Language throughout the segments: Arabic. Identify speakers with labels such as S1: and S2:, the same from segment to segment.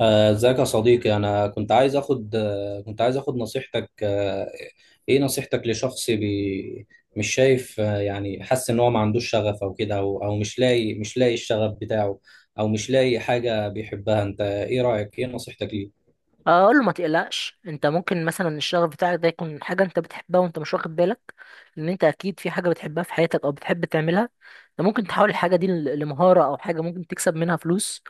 S1: ازيك يا صديقي؟ انا كنت عايز اخد نصيحتك. ايه نصيحتك لشخص مش شايف، يعني حاسس ان هو ما عندوش شغف او كده، او مش لاقي الشغف بتاعه، او مش لاقي حاجة بيحبها؟ انت ايه رأيك؟ ايه نصيحتك ليه؟
S2: اقول له ما تقلقش، انت ممكن مثلا الشغف بتاعك ده يكون حاجه انت بتحبها وانت مش واخد بالك. ان انت اكيد في حاجه بتحبها في حياتك او بتحب تعملها. انت ممكن تحول الحاجه دي لمهاره او حاجه ممكن تكسب منها فلوس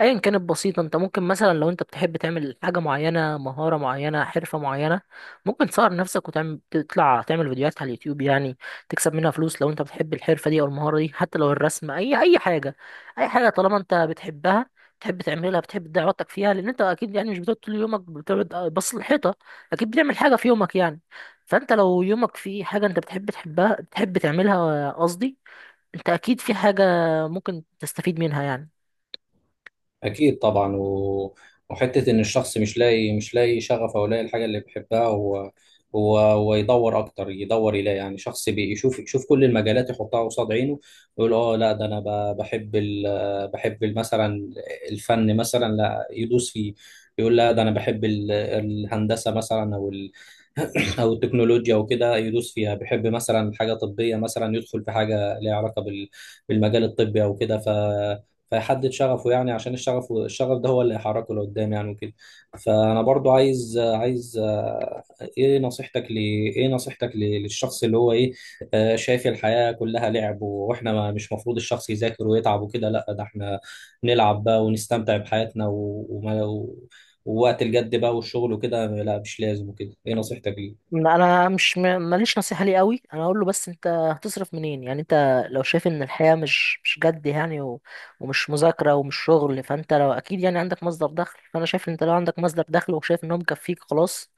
S2: ايا كانت بسيطه. انت ممكن مثلا لو انت بتحب تعمل حاجه معينه، مهاره معينه، حرفه معينه، ممكن تصور نفسك وتعمل تطلع تعمل فيديوهات على اليوتيوب يعني، تكسب منها فلوس لو انت بتحب الحرفه دي او المهاره دي، حتى لو الرسم، اي حاجه. اي حاجه طالما انت بتحبها، بتحب تعملها، بتحب تضيع وقتك فيها. لان انت اكيد يعني مش بتقعد طول يومك بتقعد بص الحيطه، اكيد بتعمل حاجه في يومك يعني. فانت لو يومك في حاجه انت بتحب تحبها بتحب تعملها، قصدي انت اكيد في حاجه ممكن تستفيد منها يعني.
S1: أكيد طبعا وحتة إن الشخص مش لاقي شغف أو لاقي الحاجة اللي بيحبها، هو يدور أكتر، يدور يلاقي، يعني شخص بيشوف، يشوف كل المجالات يحطها قصاد عينه ويقول آه لا ده أنا بحب بحب مثلا الفن مثلا، لا يدوس فيه. يقول لا ده أنا بحب الهندسة مثلا أو أو التكنولوجيا وكده، يدوس فيها. بيحب مثلا حاجة طبية مثلا، يدخل في حاجة ليها علاقة بالمجال الطبي أو كده. فيحدد شغفه يعني، عشان الشغف ده هو اللي هيحركه لقدام يعني وكده. فانا برضو عايز عايز آه، ايه نصيحتك لي ايه نصيحتك للشخص اللي هو ايه آه، شايف الحياة كلها لعب، واحنا ما مش مفروض الشخص يذاكر ويتعب وكده، لا ده احنا نلعب بقى ونستمتع بحياتنا، ووقت الجد بقى والشغل وكده لا مش لازم وكده، ايه نصيحتك ليه؟
S2: ما انا مش م- ماليش نصيحه ليه قوي، انا اقول له بس انت هتصرف منين؟ يعني انت لو شايف ان الحياه مش جد يعني، ومش مذاكره ومش شغل، فانت لو اكيد يعني عندك مصدر دخل، فانا شايف ان انت لو عندك مصدر دخل وشايف ان هو مكفيك خلاص،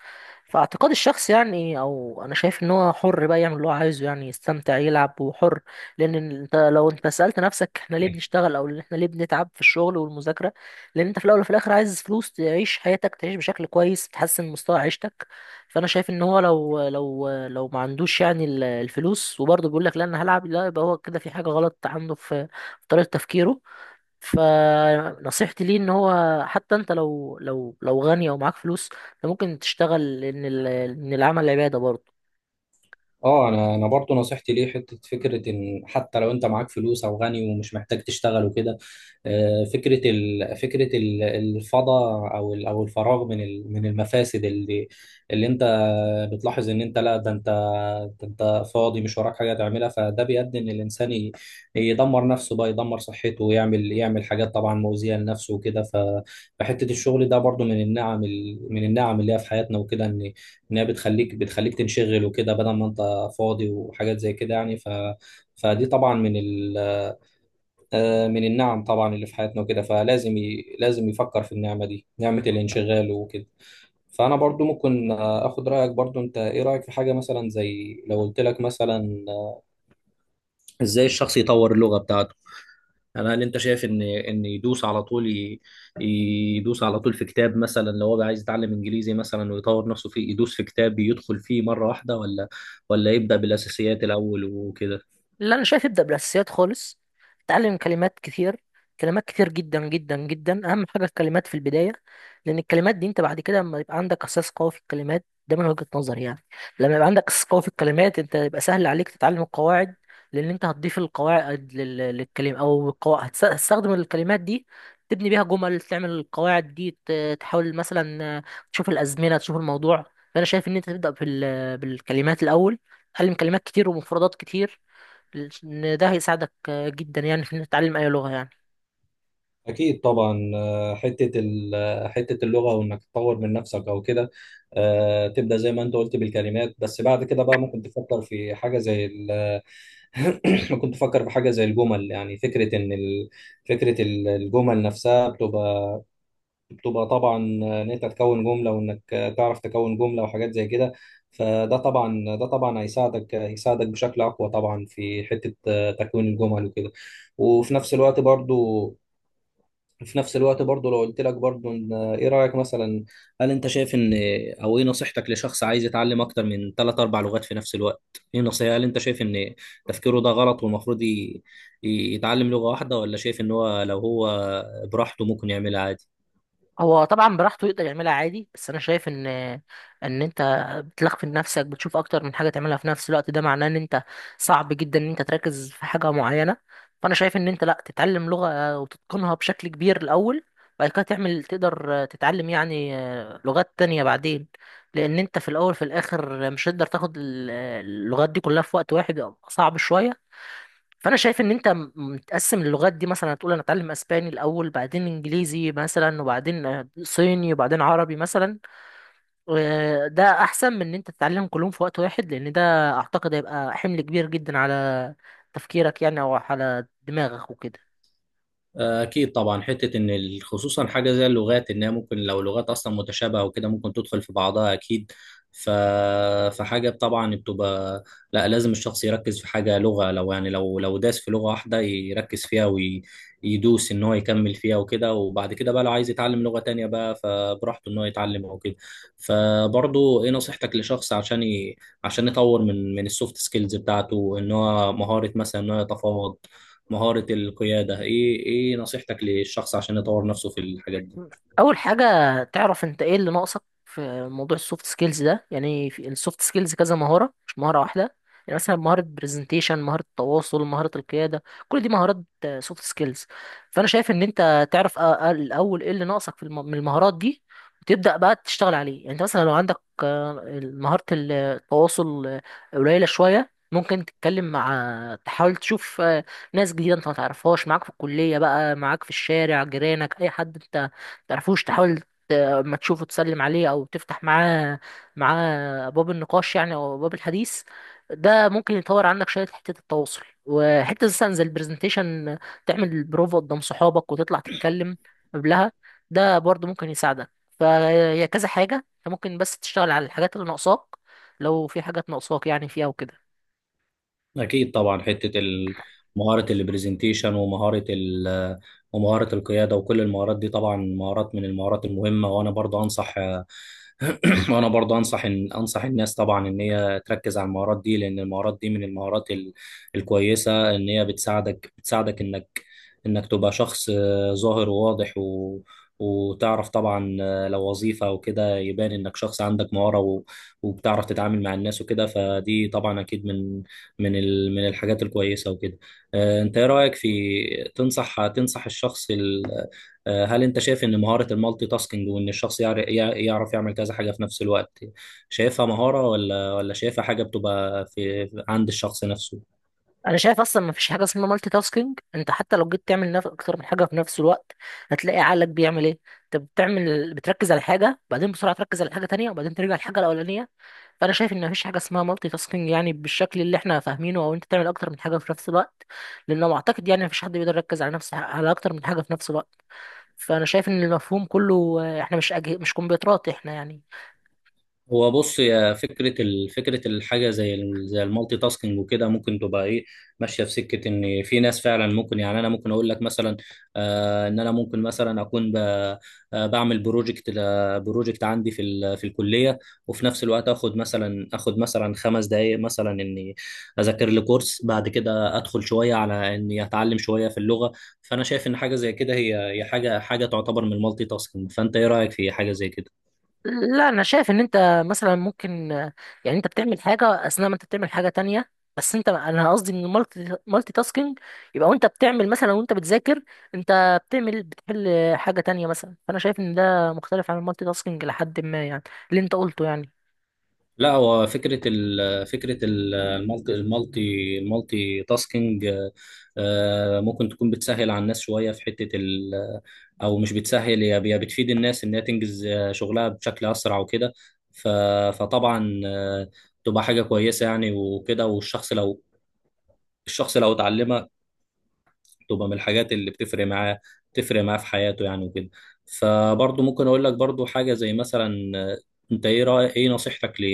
S2: فاعتقاد الشخص يعني او انا شايف ان هو حر بقى يعمل اللي هو عايزه يعني، يستمتع يلعب وحر. لان انت لو انت سالت نفسك احنا ليه بنشتغل او احنا ليه بنتعب في الشغل والمذاكره، لان انت في الاول وفي الاخر عايز فلوس تعيش حياتك، تعيش بشكل كويس، تحسن مستوى عيشتك. فانا شايف ان هو لو لو ما عندوش يعني الفلوس وبرضه بيقول لك لا انا هلعب، لا، يبقى هو كده في حاجه غلط عنده في في طريقه تفكيره. فنصيحتي ليه ان هو حتى انت لو لو غني او معاك فلوس، انت ممكن تشتغل، لان ان العمل عباده برضه.
S1: اه انا برضو نصيحتي ليه حته فكره، ان حتى لو انت معاك فلوس او غني ومش محتاج تشتغل وكده، فكره الفضاء او الفراغ من المفاسد، اللي انت بتلاحظ ان انت، لا ده انت فاضي مش وراك حاجه تعملها، فده بيؤدي ان الانسان يدمر نفسه بقى، يدمر صحته ويعمل حاجات طبعا مؤذيه لنفسه وكده. فحته الشغل ده برضو من النعم، من النعم اللي هي في حياتنا وكده، ان انها بتخليك تنشغل وكده بدل ما انت فاضي وحاجات زي كده يعني. فدي طبعا من ال... آه، من النعم طبعا اللي في حياتنا وكده، فلازم لازم يفكر في النعمة دي، نعمة الانشغال وكده. فأنا برضو ممكن أخد رأيك برضو. أنت إيه رأيك في حاجة مثلا زي لو قلت لك مثلا، إزاي الشخص يطور اللغة بتاعته؟ أنا هل أنت شايف إن يدوس على طول يدوس على طول في كتاب، مثلا لو هو عايز يتعلم إنجليزي مثلا ويطور نفسه فيه، يدوس في كتاب يدخل فيه مرة واحدة، ولا يبدأ بالأساسيات الأول وكده؟
S2: لا انا شايف ابدا بالاساسيات خالص. اتعلم كلمات كتير، كلمات كتير جدا جدا جدا، اهم حاجه الكلمات في البدايه. لان الكلمات دي انت بعد كده لما يبقى عندك اساس قوي في الكلمات، ده من وجهه نظري يعني، لما يبقى عندك اساس قوي في الكلمات انت يبقى سهل عليك تتعلم القواعد، لان انت هتضيف القواعد للكلمه، او القواعد هتستخدم الكلمات دي تبني بيها جمل، تعمل القواعد دي، تحاول مثلا تشوف الازمنه، تشوف الموضوع. فانا شايف ان انت تبدا بالكلمات الاول. تعلم كلمات كتير ومفردات كتير، ان ده هيساعدك جدا يعني في انك تتعلم اي لغه يعني.
S1: أكيد طبعا. حتة ال- آه، حتة اللغة، وإنك تطور من نفسك أو كده. تبدأ زي ما أنت قلت بالكلمات، بس بعد كده بقى ممكن تفكر في حاجة زي ممكن تفكر في حاجة زي الجمل. يعني فكرة إن ال... فكرة ال- الجمل نفسها بتبقى طبعا، إن أنت تكون جملة، وإنك تعرف تكون جملة وحاجات زي كده. فده طبعا، ده طبعا هيساعدك بشكل أقوى طبعا في حتة تكوين الجمل وكده. وفي نفس الوقت برضو في نفس الوقت برضه لو قلت لك برضه ايه رأيك مثلا؟ هل انت شايف، ان او ايه نصيحتك لشخص عايز يتعلم اكتر من ثلاث اربع لغات في نفس الوقت؟ ايه نصيحة؟ هل انت شايف ان تفكيره ده غلط، والمفروض يتعلم لغة واحدة، ولا شايف ان هو لو هو براحته ممكن يعملها عادي؟
S2: هو طبعا براحته يقدر يعملها عادي، بس انا شايف ان ان انت بتلخفن نفسك، بتشوف اكتر من حاجه تعملها في نفس الوقت، ده معناه ان انت صعب جدا ان انت تركز في حاجه معينه. فانا شايف ان انت لا، تتعلم لغه وتتقنها بشكل كبير الاول، بعد كده تعمل تقدر تتعلم يعني لغات تانية بعدين. لان انت في الاول في الاخر مش هتقدر تاخد اللغات دي كلها في وقت واحد، صعب شويه. فانا شايف ان انت متقسم اللغات دي، مثلا هتقول انا اتعلم اسباني الاول، بعدين انجليزي مثلا، وبعدين صيني، وبعدين عربي مثلا. ده احسن من ان انت تتعلم كلهم في وقت واحد، لان ده اعتقد هيبقى حمل كبير جدا على تفكيرك يعني او على دماغك وكده.
S1: أكيد طبعا. حتة إن خصوصا حاجة زي اللغات، إنها ممكن لو لغات أصلا متشابهة وكده ممكن تدخل في بعضها أكيد. ف... فحاجة طبعا بتبقى، لا لازم الشخص يركز في حاجة لغة، لو يعني لو داس في لغة واحدة يركز فيها، ويدوس إن هو يكمل فيها وكده، وبعد كده بقى لو عايز يتعلم لغة تانية بقى فبراحته إن هو يتعلم أو كده. فبرضه إيه نصيحتك لشخص عشان عشان يطور من السوفت سكيلز بتاعته، إن هو مهارة مثلا إن هو يتفاوض، مهارة القيادة، ايه نصيحتك للشخص عشان يطور نفسه في الحاجات دي؟
S2: اول حاجه تعرف انت ايه اللي ناقصك في موضوع السوفت سكيلز ده. يعني في السوفت سكيلز كذا مهاره، مش مهاره واحده. يعني مثلا مهاره برزنتيشن، مهاره التواصل، مهاره القياده، كل دي مهارات سوفت سكيلز. فانا شايف ان انت تعرف الاول ايه اللي ناقصك في من المهارات دي، وتبدا بقى تشتغل عليه. يعني انت مثلا لو عندك مهاره التواصل قليله شويه، ممكن تتكلم مع، تحاول تشوف ناس جديده انت ما تعرفهاش، معاك في الكليه بقى، معاك في الشارع، جيرانك، اي حد انت تعرفوش تحاول اما تشوفه تسلم عليه او تفتح معاه باب النقاش يعني او باب الحديث. ده ممكن يطور عندك شويه حته التواصل. وحته مثلا زي البرزنتيشن، تعمل بروفا قدام صحابك وتطلع تتكلم قبلها، ده برضه ممكن يساعدك. فهي كذا حاجه انت ممكن بس تشتغل على الحاجات اللي ناقصاك، لو في حاجات ناقصاك يعني فيها وكده.
S1: أكيد طبعا. حتة مهارة البرزنتيشن، ومهارة القيادة، وكل المهارات دي طبعا مهارات من المهارات المهمة. وأنا برضه أنصح وأنا برضه أنصح إن أنصح الناس طبعا إن هي تركز على المهارات دي، لأن المهارات دي من المهارات الكويسة، إن هي بتساعدك إنك تبقى شخص ظاهر وواضح، وتعرف طبعا، لو وظيفة أو كده يبان إنك شخص عندك مهارة، وبتعرف تتعامل مع الناس وكده. فدي طبعا أكيد من الحاجات الكويسه وكده. انت ايه رايك في، تنصح الشخص هل انت شايف ان مهاره المالتي تاسكينج، وان الشخص يعرف يعمل كذا حاجه في نفس الوقت، شايفها مهاره ولا شايفها حاجه بتبقى في عند الشخص نفسه؟
S2: انا شايف اصلا ما فيش حاجه اسمها مالتي تاسكينج. انت حتى لو جيت تعمل اكتر من حاجه في نفس الوقت هتلاقي عقلك بيعمل ايه؟ انت بتعمل، بتركز على حاجه بعدين بسرعه تركز على حاجه تانية وبعدين ترجع للحاجه الاولانيه. فانا شايف ان ما فيش حاجه اسمها مالتي تاسكينج يعني بالشكل اللي احنا فاهمينه، او انت تعمل اكتر من حاجه في نفس الوقت. لانه اعتقد يعني ما فيش حد بيقدر يركز على نفس على اكتر من حاجه في نفس الوقت. فانا شايف ان المفهوم كله، احنا مش كمبيوترات احنا يعني.
S1: هو بص، يا فكرة الحاجة زي زي المالتي تاسكينج وكده، ممكن تبقى ايه، ماشية في سكة، ان في ناس فعلا ممكن، يعني انا ممكن اقول لك مثلا ان انا ممكن مثلا اكون بعمل بروجكت عندي في الكلية، وفي نفس الوقت اخد مثلا 5 دقايق مثلا اني اذاكر لي كورس، بعد كده ادخل شوية على اني اتعلم شوية في اللغة. فانا شايف ان حاجة زي كده، هي حاجة تعتبر من المالتي تاسكينج، فانت ايه رأيك في حاجة زي كده؟
S2: لا انا شايف ان انت مثلا ممكن يعني انت بتعمل حاجه اثناء ما انت بتعمل حاجه تانية، بس انت انا قصدي ان المالتي تاسكينج يبقى وانت بتعمل مثلا، وانت بتذاكر انت بتعمل، بتحل حاجه تانية مثلا. فانا شايف ان ده مختلف عن المالتي تاسكينج لحد ما يعني اللي انت قلته يعني.
S1: لا، هو فكرة المالتي تاسكينج ممكن تكون بتسهل على الناس شوية في حتة أو مش بتسهل، هي بتفيد الناس إنها تنجز شغلها بشكل أسرع وكده. ف- فطبعا تبقى حاجة كويسة يعني وكده. والشخص لو، الشخص لو اتعلمها تبقى من الحاجات اللي بتفرق معاه، بتفرق معاه في حياته يعني وكده. فبرضه ممكن اقول لك برضه حاجه زي مثلا، انت ايه رأي ايه نصيحتك ل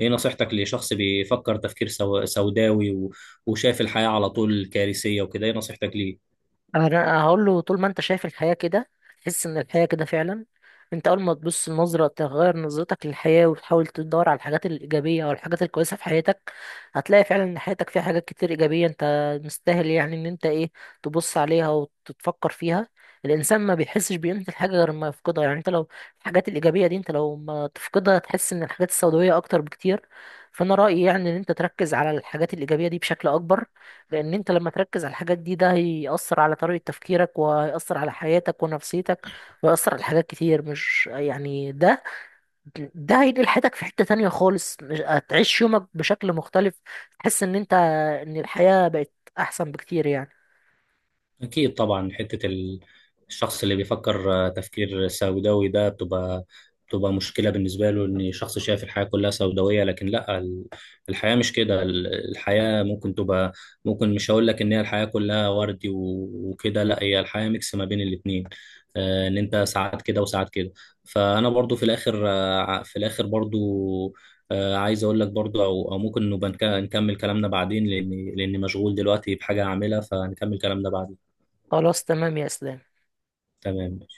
S1: ايه نصيحتك لشخص بيفكر تفكير سوداوي، وشايف الحياه على طول كارثيه وكده، ايه نصيحتك ليه؟
S2: انا هقول له طول ما انت شايف الحياة كده، تحس ان الحياة كده فعلا. انت اول ما تبص، النظرة، تغير نظرتك للحياة وتحاول تدور على الحاجات الإيجابية او الحاجات الكويسة في حياتك، هتلاقي فعلا ان حياتك فيها حاجات كتير إيجابية، انت مستاهل يعني ان انت ايه، تبص عليها وتتفكر فيها. الانسان ما بيحسش بقيمة الحاجة غير ما يفقدها. يعني انت لو الحاجات الإيجابية دي انت لو ما تفقدها، تحس ان الحاجات السوداوية اكتر بكتير. فانا رأيي يعني ان انت تركز على الحاجات الإيجابية دي بشكل اكبر. لان انت لما تركز على الحاجات دي، ده هيأثر على طريقة تفكيرك، وهيأثر على حياتك ونفسيتك، وهيأثر على حاجات كتير. مش يعني ده، ده هينقل حياتك في حتة تانية خالص. مش هتعيش يومك بشكل مختلف، تحس ان انت ان الحياة بقت احسن بكتير يعني.
S1: أكيد طبعا. حتة الشخص اللي بيفكر تفكير سوداوي ده بتبقى مشكلة بالنسبة له، إن شخص شايف الحياة كلها سوداوية، لكن لا الحياة مش كده. الحياة ممكن تبقى، ممكن مش هقول لك إن هي الحياة كلها وردي وكده، لا هي الحياة ميكس ما بين الاتنين، إن أنت ساعات كده وساعات كده. فأنا برضو في الآخر، في الآخر برضو عايز أقول لك برضو، أو ممكن نبقى نكمل كلامنا بعدين، لأني مشغول دلوقتي بحاجة أعملها، فنكمل كلامنا بعدين.
S2: خلاص، تمام يا اسلام.
S1: تمام.